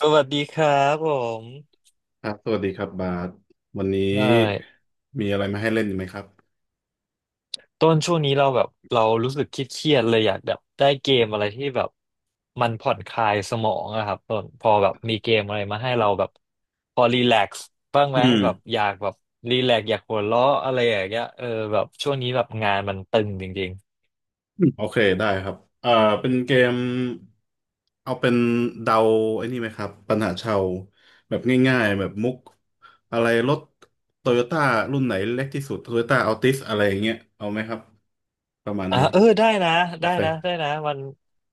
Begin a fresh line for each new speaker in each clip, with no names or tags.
สวัสดีครับผม
ครับสวัสดีครับบาสวันนี้
ใช่
มีอะไรมาให้เล่นอีกไหมครับ
ต้นช่วงนี้เราแบบเรารู้สึกเครียดๆเลยอยากแบบได้เกมอะไรที่แบบมันผ่อนคลายสมองอะครับต้นพอแบบมีเกมอะไรมาให้เราแบบพอรีแลกซ์บ้าง
อื
ไหมแบบ
ม
อยากแบบรีแลกซ์อยากหัวเราะอะไรอย่างเงี้ยเออแบบช่วงนี้แบบงานมันตึงจริงๆ
อืมโอเคได้ครับเป็นเกมเอาเป็นเดาไอ้นี่ไหมครับปัญหาชาวแบบง่ายๆแบบมุกอะไรรถโตโยต้ารุ่นไหนเล็กที่สุดโตโยต้าอัลติสอะไรอย่างเงี้ยเอาไหมครับประมาณ
อ่ะ
นี้
เออได้นะ
โอ
ได้
เค
นะได้นะมัน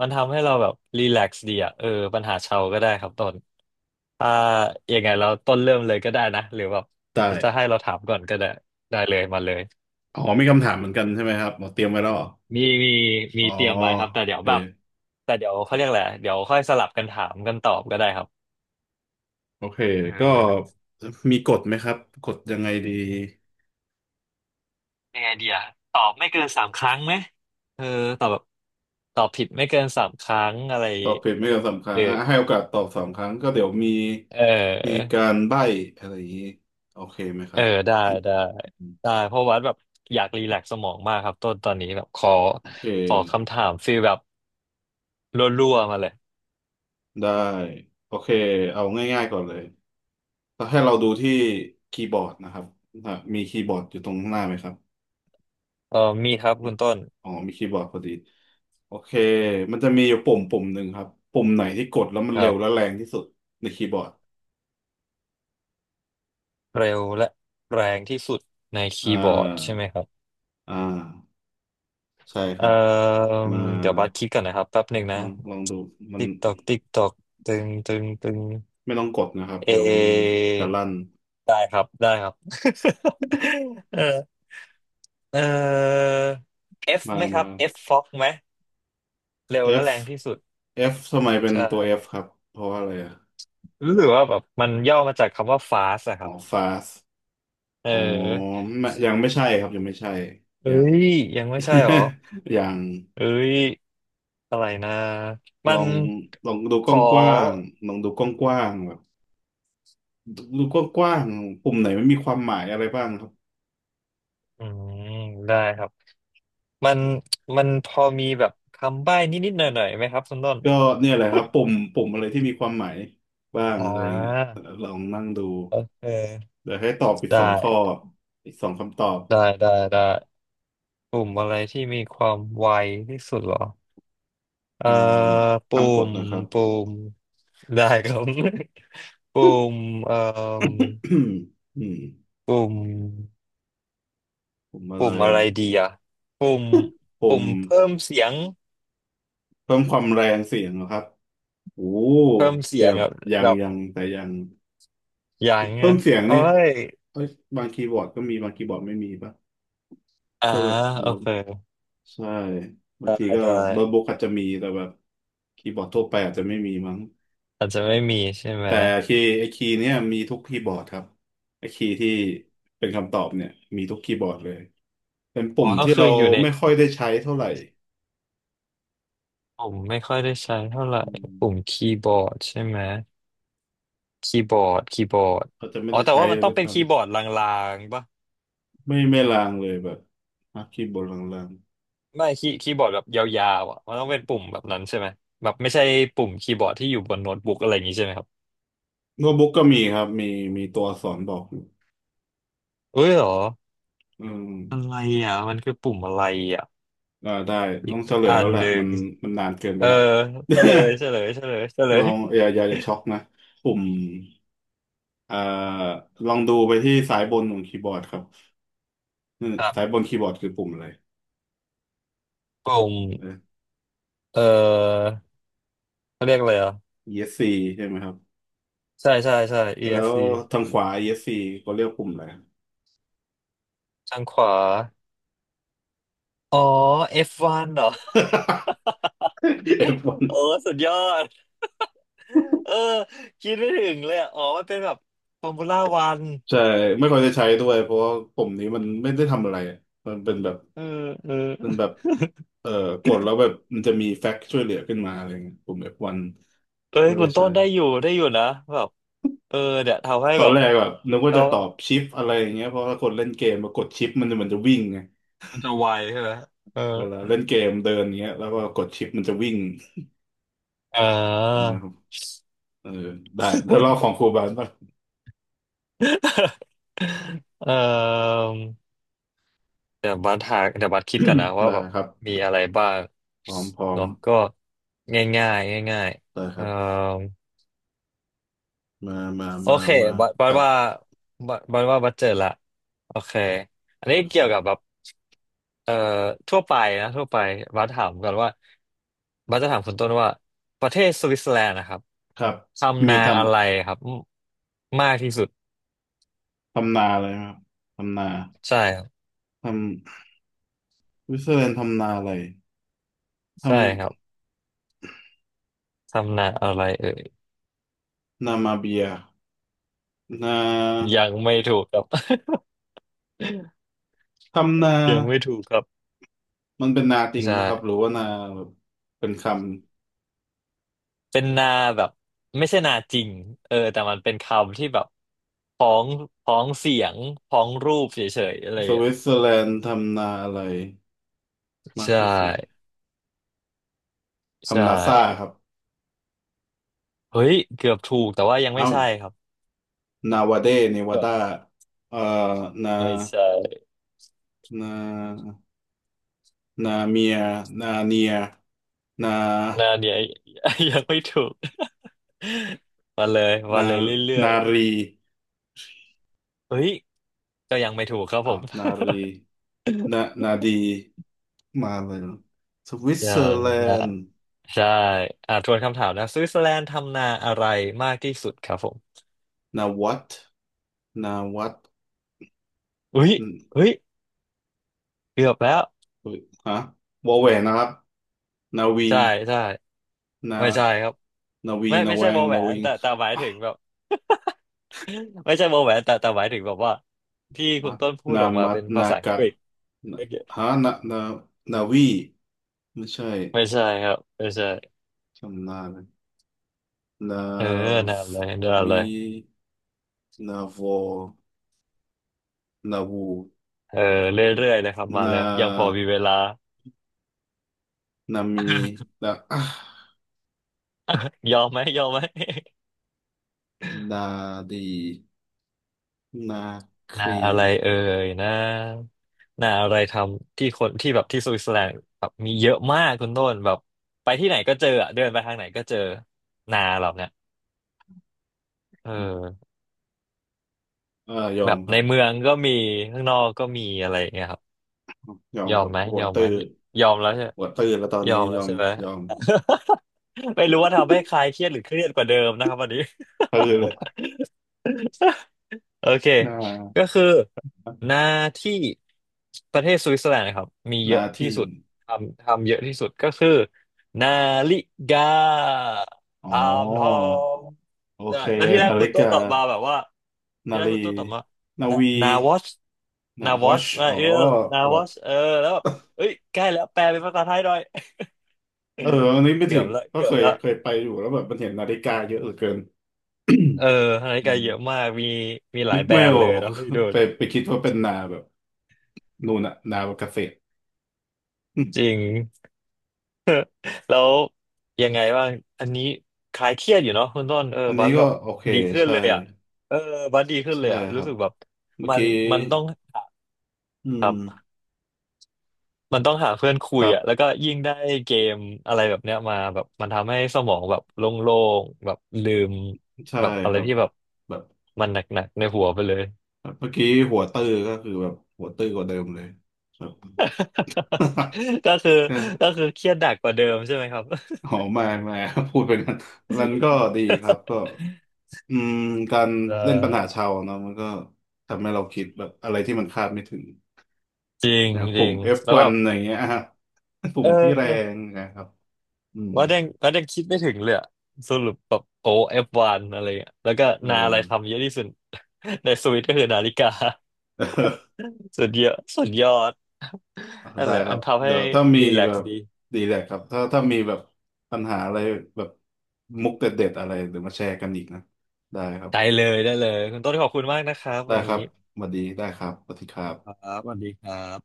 มันทำให้เราแบบรีแลกซ์ดีอะเออปัญหาเชาก็ได้ครับต้น อ่ายังไงเราต้นเริ่มเลยก็ได้นะหรือแบบ
ได้
จะให้เราถามก่อนก็ได้ได้เลยมาเลย
อ๋อมีคำถามเหมือนกันใช่ไหมครับอ๋อเตรียมไว้แล้วเหรอ
มีมี
อ๋อ
เตรียมไว้ครับแต่
โอ
เดี๋ยว
เค
แบบแต่เดี๋ยวเขาเรียกอะไรเดี๋ยวค่อยสลับกันถามกันตอบก็ได้ครับ
โอเค
เอ
ก็
อ
มีกฎไหมครับกฎยังไงดี
ยังไงดีอะตอบไม่เกินสามครั้งไหมเออตอบแบบตอบผิดไม่เกินสามครั้งอะไร
ตอบผิดไม่เกินสามค
ห
รั้
รื
ง
อ
อ่ะให้โอกาสตอบสามครั้งก็เดี๋ยวมี
เ
มี
ออ
การใบ้อะไรอย่างนี้โอเคไหมค
เอ
รั
อ
บ
ได้ได้ได้เพราะว่าแบบอยากรีแลกซ์สมองมากครับต้นตอนนี้แบบขอ
โอเค
ขอคำถามฟีลแบบรัวๆมาเลย
ได้โอเคเอาง่ายๆก่อนเลยแล้วให้เราดูที่คีย์บอร์ดนะครับอ่ะมีคีย์บอร์ดอยู่ตรงข้างหน้าไหมครับ
มีครับ
มี
คุณต้น
อ๋อมีคีย์บอร์ดพอดีโอเคมันจะมีอยู่ปุ่มหนึ่งครับปุ่มไหนที่กดแล้วมัน
ค
เร็
รั
วและ
บ
แรงที่สุดในคีย์บอร์ด
เร็วและแรงที่สุดใน
อ่
คีย์บอร์ดใช่
า
ไหมครับ
อ่าใช่ค
เอ่
รับ
อ
มา
เดี๋ยวบัสคิดก่อนนะครับแป๊บหนึ่ง
ล
นะ
องลองดูมัน
ติ๊กตอกติ๊กตอกตึงตึงตึง
ไม่ต้องกดนะครับ
เอ
เดี๋ยวมันจะลั่น
ได้ครับได้ครับ เออเออ F
มา
ไหมครั
มา
บ F Fox ไหมเร็วและ
F
แรงที่สุด
F ทำไมเป็น
ใช่
ตัว F ครับเพราะว่าอะไรอ่ะ
รู้สึกว่าแบบมันย่อมาจากคำว่า fast อะค
อ๋อ
รับ
fast
เอ
อ๋อ
อ
ไม่ยังไม่ใช่ครับยังไม่ใช่
เอ้
ยัง
ยยังไม่ใช่หรอ
ยัง
เอ้ยอะไรนะมั
ลอ
น
งลองดู
ขอ
กว้างๆลองดูกว้างๆแบบดูดูกว้างๆปุ่มไหนมันมีความหมายอะไรบ้างครับ
อืมได้ครับมันมันพอมีแบบคำใบ้นิดๆหน่อยๆไหมครับคุณต้น
ก็เนี่ยแหละครับปุ่มอะไรที่มีความหมายบ้าง
อ่
อะไรเงี้ย
า
ลองนั่งดู
โอเค
เดี๋ยวให้ตอบอีก
ได
สองข้อ
้
อีกสองคำตอบ
ได้ได้ได้ปุ่มอะไรที่มีความไวที่สุดเหรอเอ่อ
อืม
ปุ่
ทำกฎ
ม
นะครับ
ปุ่มได้ครับ ปุ่ มเอ่อ
อืมอืม
ปุ่ม
ผมอะไร
ปุ่มอะไรดีอ่ะปุ่ม
ผ
ปุ่
ม
มเพิ่มเสียง
เพิ่มความแรงเสียงนะครับโอ้
เพิ่มเสี
เกื
ย
อ
ง
บ
แบบ
ยัง
แบบ
ยังแต่ยัง
อย่างเงี้
เพิ่
ย
มเสียง
โอ้
นี่
ย
เอ้ยบางคีย์บอร์ดก็มีบางคีย์บอร์ดไม่มีปะ
อ่า
ก็แบบ
โอ
โน้ต
เค
ใช่บาง
ได้
ทีก็
ได้
โน้ตบุ๊กอาจจะมีแต่แบบคีย์บอร์ดทั่วไปอาจจะไม่มีมั้ง
อาจจะไม่มีใช่ไหม
แต่คีย์ไอคีย์เนี่ยมีทุกคีย์บอร์ดครับไอคีย์ที่เป็นคำตอบเนี่ยมีทุกคีย์บอร์ดเลยเป็นปุ่
อ๋อ
ม
ก็
ที่
คือ
เรา
อยู่ใน
ไม่ค่อยได้ใช้เท่าไหร่
ผมไม่ค่อยได้ใช้เท่าไหร่
อืม
ปุ่มคีย์บอร์ดใช่ไหมคีย์บอร์ด
เขาจะไม่
อ๋อ
ได้
แต่
ใช้
ว่ามั
เล
น
ย
ต้อ
ด้
ง
วย
เป็น
ซ้
คีย์บอร์ดลางๆปะ
ำไม่ลางเลยแบบนักคีย์บอร์ดลาง
ไม่คีย์บอร์ดแบบยาวๆอ่ะมันต้องเป็นปุ่มแบบนั้นใช่ไหมแบบไม่ใช่ปุ่มคีย์บอร์ดที่อยู่บนโน้ตบุ๊กอะไรอย่างนี้ใช่ไหมครับ
ๆโน้ตบุ๊กก็มีครับมีมีตัวอักษรบอกอยู่
เอ้ยเหรอ
อืม
อะไรอ่ะมันคือปุ่มอะไรอ่ะ
อ่าได้
อี
ต้อ
ก
งเฉลย
อั
แล้ว
น
แห
ห
ละ
นึ่
มั
ง
นมันนานเกิน
เอ
ไป
อ
แล้ว
เฉลยเฉลยเฉลยเฉล
ล
ย
องอย่าช็อกนะปุ่มอ่าลองดูไปที่สายบนของคีย์บอร์ดครับอืม
ครั
สายบ
บ
นคีย์บอร์ดคือปุ่มอะไร
กลุ่ม
เออ
เออเขาเรียกอะไรอ่ะ
ESC ใช่ไหมครับ
ใช่ใช่ใช่
แล้ว
EFC
ทางขวา ESC ก็เรียกปุ่มอะไร
ทางขวาอ๋อ F1 เหรอ
เอฟวา ย
โอ้สุดยอดเออคิดไม่ถึงเลยอะอ๋อมันเป็นแบบฟอร์มูล่าวัน
ใช่ไม่ค่อยได้ใช้ด้วยเพราะว่าปุ่มนี้มันไม่ได้ทำอะไรอะมันเป็นแบบ
เออเออ
มันแบบเอ่อกดแล้วแบบมันจะมีแฟกซ์ช่วยเหลือขึ้นมาอะไรเงี้ยปุ่ม F1
เอ้ย
ก็
คุ
ได้
ณต้
ใช้
นได้อยู่ได้อยู่นะแบบเออเนี่ยทำให้
ตอ
แบ
น
บ
แรกแบบนึกว่า
เรา
จะตอบชิปอะไรอย่างเงี้ยเพราะถ้าคนเล่นเกมมากดชิปมันจะวิ่งไง
มันจะไวใช่ไหมเออ
เวลาเล่นเกมเดินเงี้ยแล้วก็กดชิปมันจะวิ่ง
อ่า
นะครับเออได้ได้รอบของครูบาลป่ะ
เออ เดี๋ยวบัสหาเดี๋ยวบัสคิดก่อนนะ ว่า
ได้
แบบ
ครั
มี
บ
อะไรบ้าง
พร้อมพร้อม
เนาะก็ง่ายง่ายง่ายง่าย
ได้
ๆ
ครับมามา
โอ
มา
เค
มา
บัสบั
ค
ส
รับ
ว่าบัสบัสว่าบัสเจอละโอเคอัน
โอ
นี้
เค
เกี่ยวกับแบบเอ่อทั่วไปนะทั่วไปบัสถามก่อนว่าบัสจะถามคุณต้นว่าประเทศสวิตเซอร์แลนด์นะครับ
ครับเม
ทำนา
ย์ทำ
อะไรครับมากที่สุด
ทำนาอะไรครับทำนา
ใช่ครับ
ทำวิสเซอร์แลนด์ทำนาอะไรท
ใช่ครับทำนาอะไรเอ่ย
ำนามาเบียนา
ยังไม่ถูกครับ
ทำนา
ยังไม่ถูกครับ
มันเป็นนาจริง
ใช่
ปะครับหรือว่านาแบบเป็นค
เป็นนาแบบไม่ใช่นาจริงเออแต่มันเป็นคำที่แบบพ้องพ้องเสียงพ้องรูปเฉยๆอะไรอ
ำส
ย่างเงี้ย
วิตเซอร์แลนด์ทำนาอะไรมาก
ใช่
ที่สุด
ใช่
ทำนาซ่าครับ
เฮ้ยเกือบถูกแต่ว่ายังไม่
เอ้า
ใช่ครับ
นาวาเดเนวา
เกือบ
ดาเอ่อนา
ไม่ใช่
นานาเมียนาเนียนา
นาเนี้ย ยังไม่ถูก มาเลยมา
นา
เลยเรื่อ
นา
ย
รี
ๆเฮ้ยก็ยังไม่ถูกครับผ
อ้า
ม
วนารีนานาดี มาเลยเนอะสวิต
ยั
เซอร์
ง
แล
นะ
นด์
ใช่อ่าทวนคำถามนะสวิตเซอร์แลนด์ทำนาอะไรมากที่สุดครับผม
นาวัตนาวัต
อุ้ย
อืม
อุ้ยเกือบแล้ว
เฮ้ยฮะวอแหวนนะครับนาวี
ใช่ใช่
นา
ไม่ใช่ครับ
นาวิง
ไม่
นา
ไม่
แว
ใช่ว
ง
อแหว
นา
น
วิง
แต่หมายถึง
ม
แบบ ไม่ใช่วอแหวนแต่หมายถึงแบบว่าที่คุ
ั
ณ
ด
ต้นพูด
นา
ออกมา
มัด
เป็นภา
นา
ษาอัง
กะ
กฤษโอ
นะ
เค
ฮะนานานาวีไม่ใช่
ไม่ใช่ครับไม่ใช่
จำหน้าเลยนา
เออนั่นเลยนั่นเล
วี
ย
นาวอนาวู
เออเรื่อยๆเลยครับมาเล
นา
ยยังพอมีเวลา
นามีนาอ่ะ
ยอมไหมยอมไหม
นาดีนาค
หน้า
รี
อะไรเอ่ยนะหน้าอะไรทำที่คนที่แบบที่สวิตเซอร์แลนด์แบบมีเยอะมากคุณต้นแบบไปที่ไหนก็เจออะเดินไปทางไหนก็เจอนาเราเนี่ยเออ
เออยอ
แบ
ม
บ
ครั
ใน
บ
เมืองก็มีข้างนอกก็มีอะไรอย่างเงี้ยครับ
ยอม
ยอ
ค
ม
รับ
ไหม
หัว
ยอม
ตื้
ไหม
อ
ยอมแล้วใช่
หัวตื้อแล้วตอน
ยอ
นี้
ม
ย
แล้ว
อม
ใช่ไหม
ยอม
ไม่รู้ว่าทำให้ใครเครียดหรือเครียดกว่าเดิมนะครับวันนี้
ตื้อเลย
โอเค
หน้า
ก็คือหน้าที่ประเทศสวิตเซอร์แลนด์นะครับมี
ห
เย
น้า
อะที่
ที่
สุดทำทำเยอะที่สุดก็คือนาฬิกาท
อ๋อ
ำทอง
โอ
ได้
เค
แล้วที่แรก
นา
คุ
ฬิ
ณโต้
กา
ตอบมาแบบว่าที่
นา
แรกคุ
ฬี
ณโต้ตอบมา
นา
นะ
วี
นาวอช
นะ
นาวอช
watch
มา
อ๋อ
เออนา
หั
ว
ว
อช
อ
เออแล้วแบบเอ้ยใกล้แล้วแปลเป็นภาษาไทยหน่อย
เอออันนี้ ไม่
เกื
ถึ
อบ
ง
ละ
ก็
เกื
เค
อบ
ย
ละ
เคยไปอยู่แล้วแบบมันเห็นนาฬิกาเยอะเหลือเกิน
เออนาฬิ
อื
กาเย
ม
อะมากมีมีหลา
นึ
ย
ก
แบร
ไม่
นด์
อ
เล
อ
ย
ก
เนาะพี่ดู
ไป
ด
ไปคิดว่าเป็นนาแบบนู่นน่ะนาแบบเกษตรอื
จ
ม
ริง แล้วยังไงบ้างอันนี้คลายเครียดอยู่เนาะคุณต้นเออ
อัน
บั
นี้
ส
ก็
แบบ
โอเค
ดีขึ้น
ใช่
เลยอ่ะเออบัสดีขึ้นเล
ใช่
ยอ่ะ
ค
รู้
รับ
สึกแบบ
เมื่อ
มัน
กี้
มันต้องหา
อืม
มันต้องหาเพื่อนคุ
ค
ย
รั
อ่ะแล้
บ
วก็ยิ่งได้เกมอะไรแบบเนี้ยมาแบบมันทำให้สมองแบบโล่งๆแบบลืม
ใช่
แบบอะ
ค
ไร
รับ
ที่แบบ
แบบ
มันหนักๆในหัวไปเลย
แบบเมื่อกี้หัวตื้อก็คือแบบหัวตื้อกว่าเดิมเลยแบบ
ก็คือ
เออ
ก็คือเครียดหนักกว่าเดิมใช่ไหมครับ
อ๋อไม่ไม่ พูดไปงั้นมันก็ดีครับก็อืมการ
ได
เล่นปัญหา
้
ชาวเนาะมันก็ทำให้เราคิดแบบอะไรที่มันคาดไม่ถึง
จริง
อย่าง
จ
ปุ่
ริ
ม
งแล้วแบ
F1
บ
อะไงเงี้ย ฮะปุ่
เอ
มที่แรง
อ
นะครับอืม
ว่าแดงว่าแดงคิดไม่ถึงเลยอะสรุปแบบโอเอฟวันอะไรเงี้ยแล้วก็
เอ
นาอะไรทำ
อ
เยอะที่สุด ในสวิตก็คือนาฬิกา สุดเยอะสุดยอดนั่น
ได้
แหละ
ค
มั
รั
น
บ
ทำให้
เดี๋ยวถ้ามี
รีแล
แบ
ก
บ
ซ์ดี
ดีแหละครับถ้าถ้ามีแบบปัญหาอะไรแบบมุกเด็ดๆอะไรเดี๋ยวมาแชร์กันอีกนะได้ครับ
ได้เลยได้เลยคุณต้นขอบคุณมากนะครับ
ได้
วัน
ค
นี้
รับสวัสดีได้ครับสวัสดีครั
ค
บ
รับสวัสดีครับ